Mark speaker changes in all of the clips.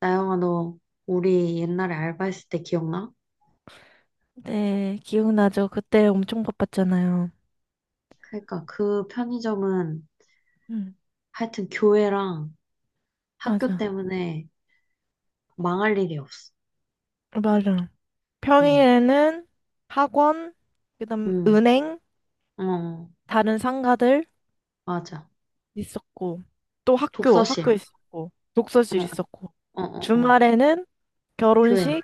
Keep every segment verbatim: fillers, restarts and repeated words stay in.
Speaker 1: 나영아, 너 우리 옛날에 알바했을 때 기억나?
Speaker 2: 네, 기억나죠? 그때 엄청 바빴잖아요.
Speaker 1: 그러니까 그 편의점은
Speaker 2: 음.
Speaker 1: 하여튼 교회랑 학교
Speaker 2: 맞아,
Speaker 1: 때문에 망할 일이 없어.
Speaker 2: 맞아.
Speaker 1: 응,
Speaker 2: 평일에는 학원, 그다음
Speaker 1: 응,
Speaker 2: 은행,
Speaker 1: 어,
Speaker 2: 다른 상가들
Speaker 1: 맞아.
Speaker 2: 있었고, 또 학교,
Speaker 1: 독서실,
Speaker 2: 학교
Speaker 1: 어,
Speaker 2: 있었고, 독서실 있었고,
Speaker 1: 어, 어, 어,
Speaker 2: 주말에는
Speaker 1: 교회,
Speaker 2: 결혼식,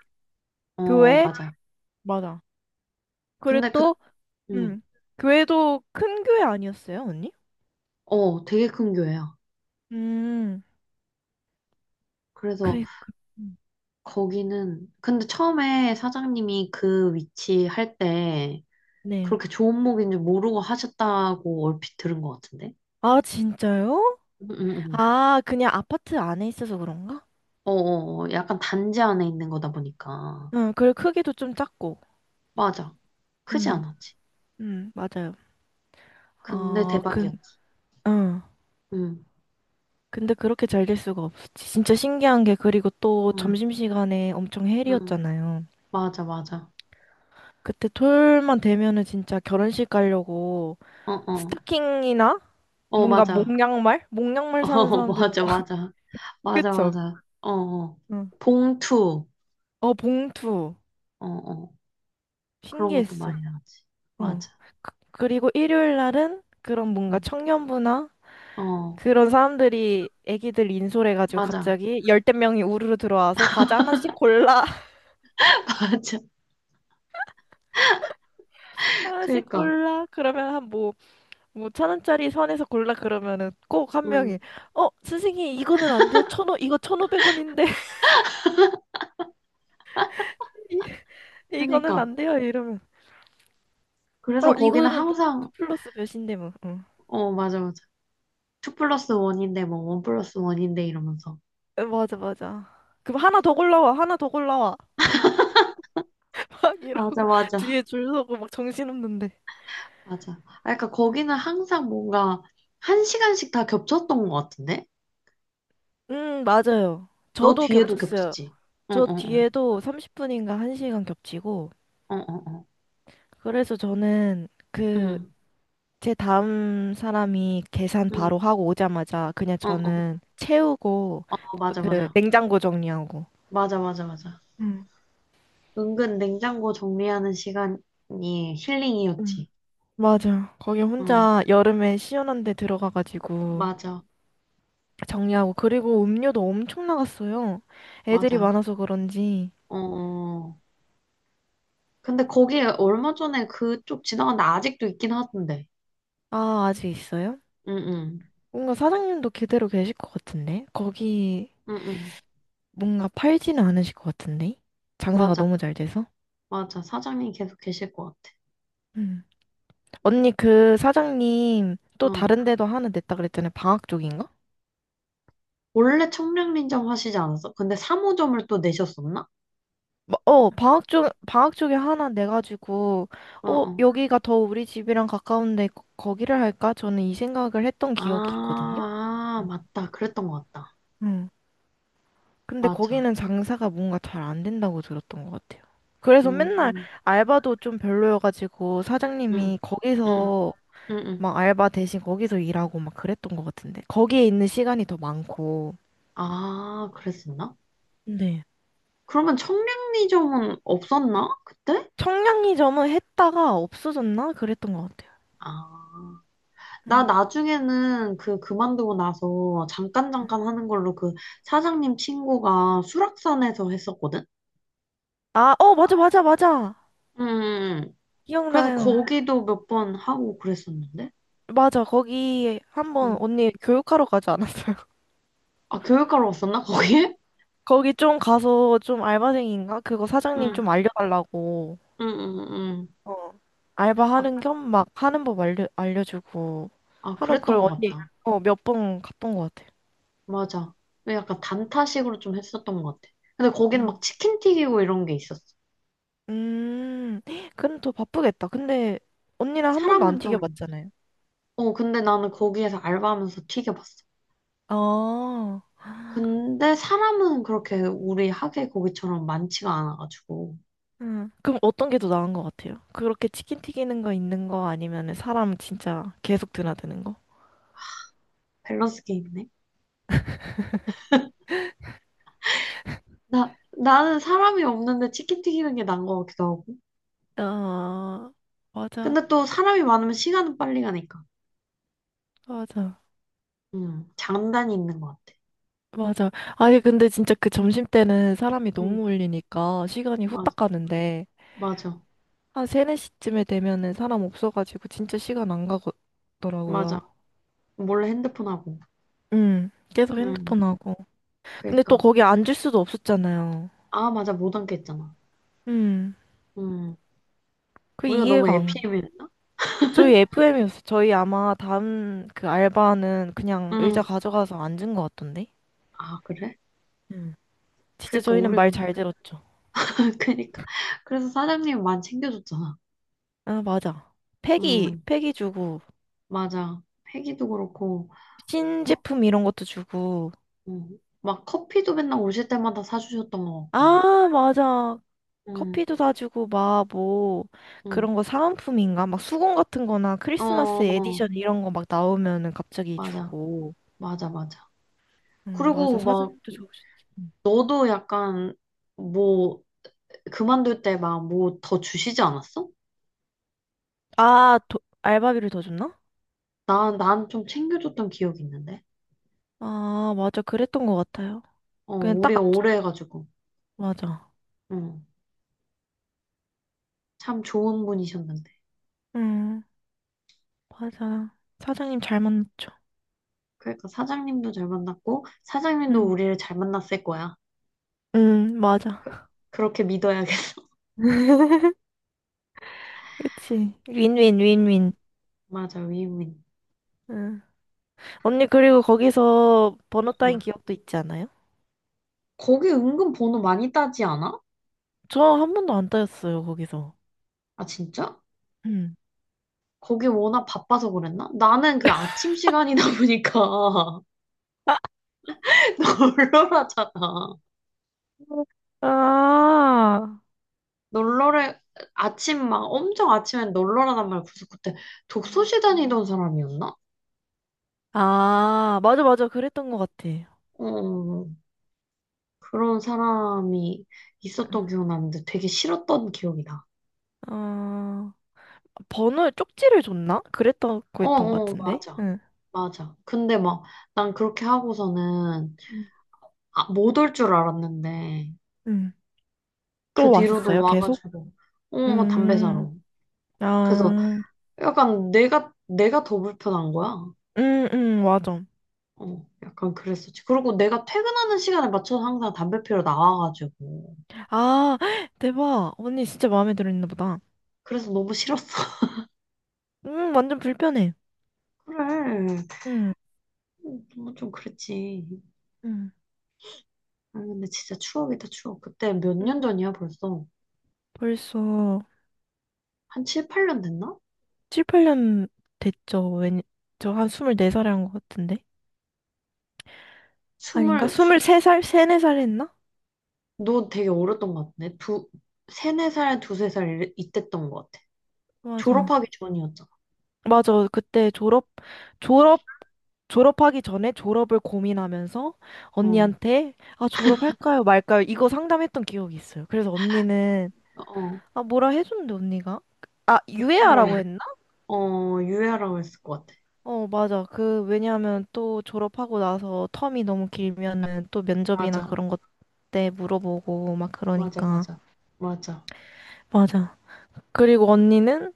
Speaker 1: 어,
Speaker 2: 교회,
Speaker 1: 맞아.
Speaker 2: 맞아. 그리고
Speaker 1: 근데 그,
Speaker 2: 또,
Speaker 1: 응,
Speaker 2: 음, 교회도 큰 교회 아니었어요, 언니?
Speaker 1: 어, 되게 큰 교회야.
Speaker 2: 음.
Speaker 1: 그래서
Speaker 2: 그, 그, 음,
Speaker 1: 거기는, 근데 처음에 사장님이 그 위치 할 때
Speaker 2: 네.
Speaker 1: 그렇게 좋은 목인 줄 모르고 하셨다고 얼핏 들은 것 같은데?
Speaker 2: 아, 진짜요?
Speaker 1: 응, 응, 응.
Speaker 2: 아, 그냥 아파트 안에 있어서 그런가?
Speaker 1: 어, 어, 어, 약간 단지 안에 있는 거다 보니까.
Speaker 2: 응, 그리고 크기도 좀 작고.
Speaker 1: 맞아. 크지
Speaker 2: 응,
Speaker 1: 않았지.
Speaker 2: 응 맞아요.
Speaker 1: 근데
Speaker 2: 어, 근,
Speaker 1: 대박이었지.
Speaker 2: 응.
Speaker 1: 응,
Speaker 2: 근데 그렇게 잘 될 수가 없었지. 진짜 신기한 게, 그리고 또
Speaker 1: 응,
Speaker 2: 점심시간에 엄청
Speaker 1: 응.
Speaker 2: 헬이었잖아요.
Speaker 1: 맞아, 맞아.
Speaker 2: 그때 토요일만 되면은 진짜 결혼식 가려고
Speaker 1: 어, 어.
Speaker 2: 스타킹이나
Speaker 1: 어,
Speaker 2: 뭔가
Speaker 1: 맞아.
Speaker 2: 목양말? 목양말 사는
Speaker 1: 어,
Speaker 2: 사람들도 막,
Speaker 1: 맞아, 맞아. 맞아,
Speaker 2: 그쵸?
Speaker 1: 맞아. 어, 어.
Speaker 2: 응.
Speaker 1: 봉투.
Speaker 2: 어, 봉투.
Speaker 1: 어, 어. 그런 것도
Speaker 2: 신기했어.
Speaker 1: 많이 나왔지.
Speaker 2: 어.
Speaker 1: 맞아.
Speaker 2: 그, 그리고 일요일 날은 그런 뭔가
Speaker 1: 응.
Speaker 2: 청년부나
Speaker 1: 어,
Speaker 2: 그런 사람들이 애기들 인솔해가지고
Speaker 1: 맞아.
Speaker 2: 갑자기 열댓 명이 우르르 들어와서 과자 하나씩 골라
Speaker 1: 맞아.
Speaker 2: 하나씩
Speaker 1: 그니까.
Speaker 2: 골라 그러면 한 뭐 뭐 천 원짜리 선에서 골라 그러면은 꼭 한
Speaker 1: 응.
Speaker 2: 명이 어 선생님 이거는 안 돼요 천오 이거 천오백 원인데 이- 이거는
Speaker 1: 그니까.
Speaker 2: 안 돼요 이러면 어
Speaker 1: 그래서 거기는
Speaker 2: 이거는 뭐 투
Speaker 1: 항상,
Speaker 2: 플러스 몇인데 뭐 응.
Speaker 1: 어, 맞아, 맞아. 투 플러스 원인데, 뭐, 원 플러스 원인데 이러면서.
Speaker 2: 에, 맞아 맞아 그럼 하나 더 골라와 하나 더 골라와 막
Speaker 1: 맞아,
Speaker 2: 이러고
Speaker 1: 맞아.
Speaker 2: 뒤에 줄 서고 막 정신없는데
Speaker 1: 맞아. 아, 그러니까
Speaker 2: 음,
Speaker 1: 거기는 항상 뭔가 한 시간씩 다 겹쳤던 것 같은데?
Speaker 2: 음 맞아요
Speaker 1: 너
Speaker 2: 저도
Speaker 1: 뒤에도
Speaker 2: 겹쳤어요
Speaker 1: 겹쳤지? 응,
Speaker 2: 저
Speaker 1: 응, 응.
Speaker 2: 뒤에도 삼십 분인가 한 시간 겹치고,
Speaker 1: 응, 응, 응.
Speaker 2: 그래서 저는 그,
Speaker 1: 응,
Speaker 2: 제 다음 사람이 계산
Speaker 1: 응,
Speaker 2: 바로 하고 오자마자 그냥
Speaker 1: 응, 응.
Speaker 2: 저는 채우고,
Speaker 1: 어, 맞아,
Speaker 2: 그,
Speaker 1: 맞아.
Speaker 2: 냉장고 정리하고.
Speaker 1: 맞아, 맞아, 맞아.
Speaker 2: 응,
Speaker 1: 은근 냉장고 정리하는 시간이
Speaker 2: 응
Speaker 1: 힐링이었지.
Speaker 2: 맞아. 거기
Speaker 1: 응,
Speaker 2: 혼자 여름에 시원한 데 들어가가지고
Speaker 1: 맞아,
Speaker 2: 정리하고, 그리고 음료도 엄청 나갔어요. 애들이
Speaker 1: 맞아.
Speaker 2: 많아서 그런지.
Speaker 1: 어, 어. 근데 거기 얼마 전에 그쪽 지나갔는데 아직도 있긴 하던데.
Speaker 2: 아, 아직 있어요?
Speaker 1: 응, 응,
Speaker 2: 뭔가 사장님도 그대로 계실 것 같은데? 거기
Speaker 1: 응, 응.
Speaker 2: 뭔가 팔지는 않으실 것 같은데? 장사가
Speaker 1: 맞아,
Speaker 2: 너무 잘 돼서?
Speaker 1: 맞아. 사장님 계속 계실 것 같아.
Speaker 2: 음. 언니, 그 사장님 또
Speaker 1: 어.
Speaker 2: 다른 데도 하나 냈다 그랬잖아요. 방학 쪽인가?
Speaker 1: 원래 청량리점 하시지 않았어? 근데 삼 호점을 또 내셨었나?
Speaker 2: 마- 어, 방학 쪽, 방학 쪽에 하나 내가지고,
Speaker 1: 어,
Speaker 2: 어,
Speaker 1: 어.
Speaker 2: 여기가 더 우리 집이랑 가까운데 거- 거기를 할까? 저는 이 생각을 했던 기억이
Speaker 1: 아,
Speaker 2: 있거든요.
Speaker 1: 아, 맞다. 그랬던 것 같다.
Speaker 2: 응. 근데
Speaker 1: 맞아.
Speaker 2: 거기는 장사가 뭔가 잘 안 된다고 들었던 것 같아요. 그래서
Speaker 1: 음,
Speaker 2: 맨날 알바도 좀 별로여가지고
Speaker 1: 음,
Speaker 2: 사장님이
Speaker 1: 음,
Speaker 2: 거기서
Speaker 1: 음, 음.
Speaker 2: 막 알바 대신 거기서 일하고 막 그랬던 것 같은데. 거기에 있는 시간이 더 많고.
Speaker 1: 아, 그랬었나?
Speaker 2: 네.
Speaker 1: 그러면 청량리점은 없었나? 그때?
Speaker 2: 청량리점은 했다가 없어졌나? 그랬던 것 같아요.
Speaker 1: 아. 나 나중에는 그 그만두고 나서 잠깐 잠깐 하는 걸로 그 사장님 친구가 수락산에서 했었거든?
Speaker 2: 아, 어, 맞아, 맞아, 맞아.
Speaker 1: 음. 그래서
Speaker 2: 기억나요.
Speaker 1: 거기도 몇 번 하고 그랬었는데.
Speaker 2: 맞아, 거기 한번
Speaker 1: 음.
Speaker 2: 언니 교육하러 가지 않았어요?
Speaker 1: 아, 교육하러 왔었나, 거기에?
Speaker 2: 거기 좀 가서 좀 알바생인가? 그거 사장님
Speaker 1: 응,
Speaker 2: 좀 알려달라고.
Speaker 1: 응, 응, 응.
Speaker 2: 어. 알바하는
Speaker 1: 아,
Speaker 2: 겸 막 하는 법 알려, 알려주고.
Speaker 1: 아,
Speaker 2: 하러
Speaker 1: 그랬던
Speaker 2: 그걸
Speaker 1: 것
Speaker 2: 언니,
Speaker 1: 같다.
Speaker 2: 어, 몇 번 갔던 것 같아요.
Speaker 1: 맞아. 왜 약간 단타식으로 좀 했었던 것 같아. 근데 거기는 막
Speaker 2: 음.
Speaker 1: 치킨 튀기고 이런 게 있었어.
Speaker 2: 음, 그럼 더 바쁘겠다. 근데 언니랑 한 번도 안
Speaker 1: 사람은 좀,
Speaker 2: 튀겨봤잖아요.
Speaker 1: 어, 근데 나는 거기에서 알바하면서 튀겨봤어.
Speaker 2: 아,
Speaker 1: 근데 사람은 그렇게 우리 학예 거기처럼 많지가 않아가지고.
Speaker 2: 음. 그럼 어떤 게 더 나은 것 같아요? 그렇게 치킨 튀기는 거 있는 거 아니면 사람 진짜 계속 드나드는 거?
Speaker 1: 밸런스 게임이네. 나, 나는 사람이 없는데 치킨 튀기는 게 나은 것 같기도 하고.
Speaker 2: 아, 맞아,
Speaker 1: 근데 또 사람이 많으면 시간은 빨리 가니까.
Speaker 2: 맞아,
Speaker 1: 응, 장단이 있는 것 같아.
Speaker 2: 맞아. 아니, 근데 진짜 그 점심 때는 사람이 너무
Speaker 1: 응,
Speaker 2: 몰리니까 시간이
Speaker 1: 맞아,
Speaker 2: 후딱 가는데,
Speaker 1: 맞아,
Speaker 2: 한 세네 시쯤에 되면은 사람 없어가지고 진짜 시간 안
Speaker 1: 맞아.
Speaker 2: 가더라고요.
Speaker 1: 몰래 핸드폰 하고.
Speaker 2: 음, 계속
Speaker 1: 음,
Speaker 2: 핸드폰 하고. 근데 또
Speaker 1: 그니까.
Speaker 2: 거기 앉을 수도 없었잖아요.
Speaker 1: 아, 맞아, 못앉했잖아.
Speaker 2: 음,
Speaker 1: 음,
Speaker 2: 그
Speaker 1: 우리가
Speaker 2: 이해가
Speaker 1: 너무 f 피
Speaker 2: 안.
Speaker 1: 이었나
Speaker 2: 저희 에프엠이었어. 저희 아마 다음 그 알바는 그냥
Speaker 1: 음,
Speaker 2: 의자 가져가서 앉은 것 같던데?
Speaker 1: 아, 그래?
Speaker 2: 음. 진짜
Speaker 1: 그니까,
Speaker 2: 저희는
Speaker 1: 우리가.
Speaker 2: 말 잘 들었죠.
Speaker 1: 그니까. 그래서 사장님이 많이 챙겨줬잖아.
Speaker 2: 아, 맞아. 폐기,
Speaker 1: 음,
Speaker 2: 폐기 주고,
Speaker 1: 맞아. 회기도 그렇고, 어,
Speaker 2: 신제품 이런 것도 주고.
Speaker 1: 음, 막 커피도 맨날 오실 때마다 사주셨던 것 같고.
Speaker 2: 아, 맞아.
Speaker 1: 음,
Speaker 2: 커피도 다 주고, 막 뭐,
Speaker 1: 음,
Speaker 2: 그런 거 사은품인가? 막 수건 같은 거나
Speaker 1: 어,
Speaker 2: 크리스마스
Speaker 1: 어,
Speaker 2: 에디션 이런 거 막 나오면은 갑자기
Speaker 1: 맞아.
Speaker 2: 주고.
Speaker 1: 맞아, 맞아.
Speaker 2: 응, 맞아.
Speaker 1: 그리고 막,
Speaker 2: 사장님도 좋으셨지. 음.
Speaker 1: 너도 약간, 뭐, 그만둘 때 막 뭐 더 주시지 않았어?
Speaker 2: 아, 도, 알바비를 더 줬나?
Speaker 1: 나 난 좀 챙겨줬던 기억이 있는데.
Speaker 2: 아, 맞아. 그랬던 것 같아요.
Speaker 1: 어,
Speaker 2: 그냥 딱,
Speaker 1: 우리
Speaker 2: 앉-
Speaker 1: 오래 해가지고.
Speaker 2: 맞아.
Speaker 1: 응. 참 좋은 분이셨는데.
Speaker 2: 음, 맞아. 사장님 잘 만났죠.
Speaker 1: 그러니까 사장님도 잘 만났고, 사장님도
Speaker 2: 음,
Speaker 1: 우리를 잘 만났을 거야.
Speaker 2: 음, 맞아.
Speaker 1: 그- 그렇게 믿어야겠어.
Speaker 2: 그치. 윈윈, 윈윈.
Speaker 1: 맞아, 위민.
Speaker 2: 음. 언니, 그리고 거기서 번호 따인
Speaker 1: 응.
Speaker 2: 기억도 있지 않아요?
Speaker 1: 거기 은근 번호 많이 따지 않아?
Speaker 2: 저 한 번도 안 따였어요, 거기서.
Speaker 1: 아, 진짜?
Speaker 2: 음.
Speaker 1: 거기 워낙 바빠서 그랬나? 나는 그 아침 시간이다 보니까 널널하잖아.
Speaker 2: 아,
Speaker 1: 널널해, 아침 막 엄청 아침엔 널널하단 말이야. 그래서 그때 독서실 다니던 사람이었나?
Speaker 2: 아, 맞아, 맞아. 그랬던 것 같아.
Speaker 1: 어, 그런 사람이 있었던
Speaker 2: 응.
Speaker 1: 기억 나는데 되게 싫었던 기억이 나.
Speaker 2: 어, 번호 쪽지를 줬나? 그랬다고
Speaker 1: 어,
Speaker 2: 했던 것
Speaker 1: 어,
Speaker 2: 같은데.
Speaker 1: 맞아.
Speaker 2: 응.
Speaker 1: 맞아. 근데 막 난 그렇게 하고서는
Speaker 2: 응.
Speaker 1: 아, 못 올 줄 알았는데
Speaker 2: 응.
Speaker 1: 그
Speaker 2: 또
Speaker 1: 뒤로도
Speaker 2: 왔었어요, 계속?
Speaker 1: 와가지고 어, 담배
Speaker 2: 음.
Speaker 1: 사러. 그래서
Speaker 2: 아,
Speaker 1: 약간 내가 내가 더 불편한 거야.
Speaker 2: 응, 응, 맞아.
Speaker 1: 어, 약간 그랬었지. 그리고 내가 퇴근하는 시간에 맞춰서 항상 담배 피러 나와가지고.
Speaker 2: 아, 대박. 언니 진짜 마음에 들었나 보다.
Speaker 1: 그래서 너무 싫었어.
Speaker 2: 음, 완전 불편해.
Speaker 1: 그래.
Speaker 2: 응,
Speaker 1: 음, 좀 그랬지.
Speaker 2: 응,
Speaker 1: 아, 근데 진짜 추억이다, 추억. 그때 몇
Speaker 2: 응.
Speaker 1: 년 전이야, 벌써.
Speaker 2: 벌써
Speaker 1: 한 칠, 팔 년 됐나?
Speaker 2: 칠, 팔 년 됐죠. 왠, 저한 스물네 살에 한 것 같은데? 아닌가?
Speaker 1: 스물, 스-
Speaker 2: 스물세 살? 세, 네 살 했나?
Speaker 1: 너 되게 어렸던 것 같네. 두, 세네 살, 두세 살 이래- 이때였던 것 같아.
Speaker 2: 맞아.
Speaker 1: 졸업하기 전이었잖아.
Speaker 2: 맞아. 그때 졸업, 졸업, 졸업하기 전에 졸업을 고민하면서
Speaker 1: 어,
Speaker 2: 언니한테, 아, 졸업할까요? 말까요? 이거 상담했던 기억이 있어요. 그래서 언니는
Speaker 1: 어,
Speaker 2: 아, 뭐라 해줬는데, 언니가? 아, 유예하라고
Speaker 1: 유해라,
Speaker 2: 했나?
Speaker 1: 어, 유해라고 했을 것 같아.
Speaker 2: 어, 맞아. 그, 왜냐하면 또 졸업하고 나서 텀이 너무 길면은 또 면접이나
Speaker 1: 맞아,
Speaker 2: 그런 것 때 물어보고 막
Speaker 1: 맞아,
Speaker 2: 그러니까.
Speaker 1: 맞아, 맞아.
Speaker 2: 맞아. 그리고 언니는?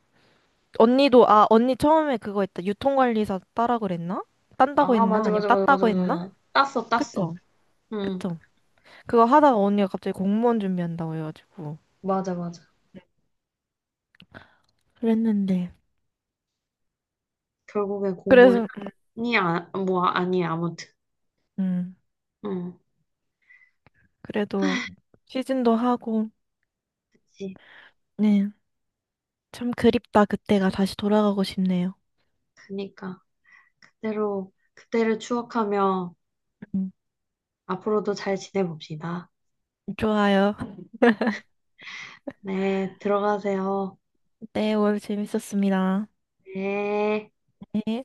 Speaker 2: 언니도, 아, 언니 처음에 그거 했다. 유통관리사 따라 그랬나? 딴다고
Speaker 1: 아,
Speaker 2: 했나?
Speaker 1: 맞아,
Speaker 2: 아니면
Speaker 1: 맞아, 맞아, 맞아,
Speaker 2: 땄다고 했나?
Speaker 1: 맞아. 땄어, 땄어.
Speaker 2: 그쵸?
Speaker 1: 응,
Speaker 2: 그쵸? 그거 하다가 언니가 갑자기 공무원 준비한다고 해가지고.
Speaker 1: 맞아, 맞아.
Speaker 2: 그랬는데.
Speaker 1: 결국엔 공무원이
Speaker 2: 그래서,
Speaker 1: 아, 뭐, 아니, 아무튼.
Speaker 2: 음,
Speaker 1: 응,
Speaker 2: 그래도 시즌도 하고,
Speaker 1: 그치.
Speaker 2: 네. 참 그립다. 그때가 다시 돌아가고 싶네요.
Speaker 1: 그니까, 그대로, 그때를 추억하며
Speaker 2: 음.
Speaker 1: 앞으로도 잘 지내봅시다.
Speaker 2: 좋아요.
Speaker 1: 네, 들어가세요.
Speaker 2: 네, 오늘 재밌었습니다.
Speaker 1: 네.
Speaker 2: 네.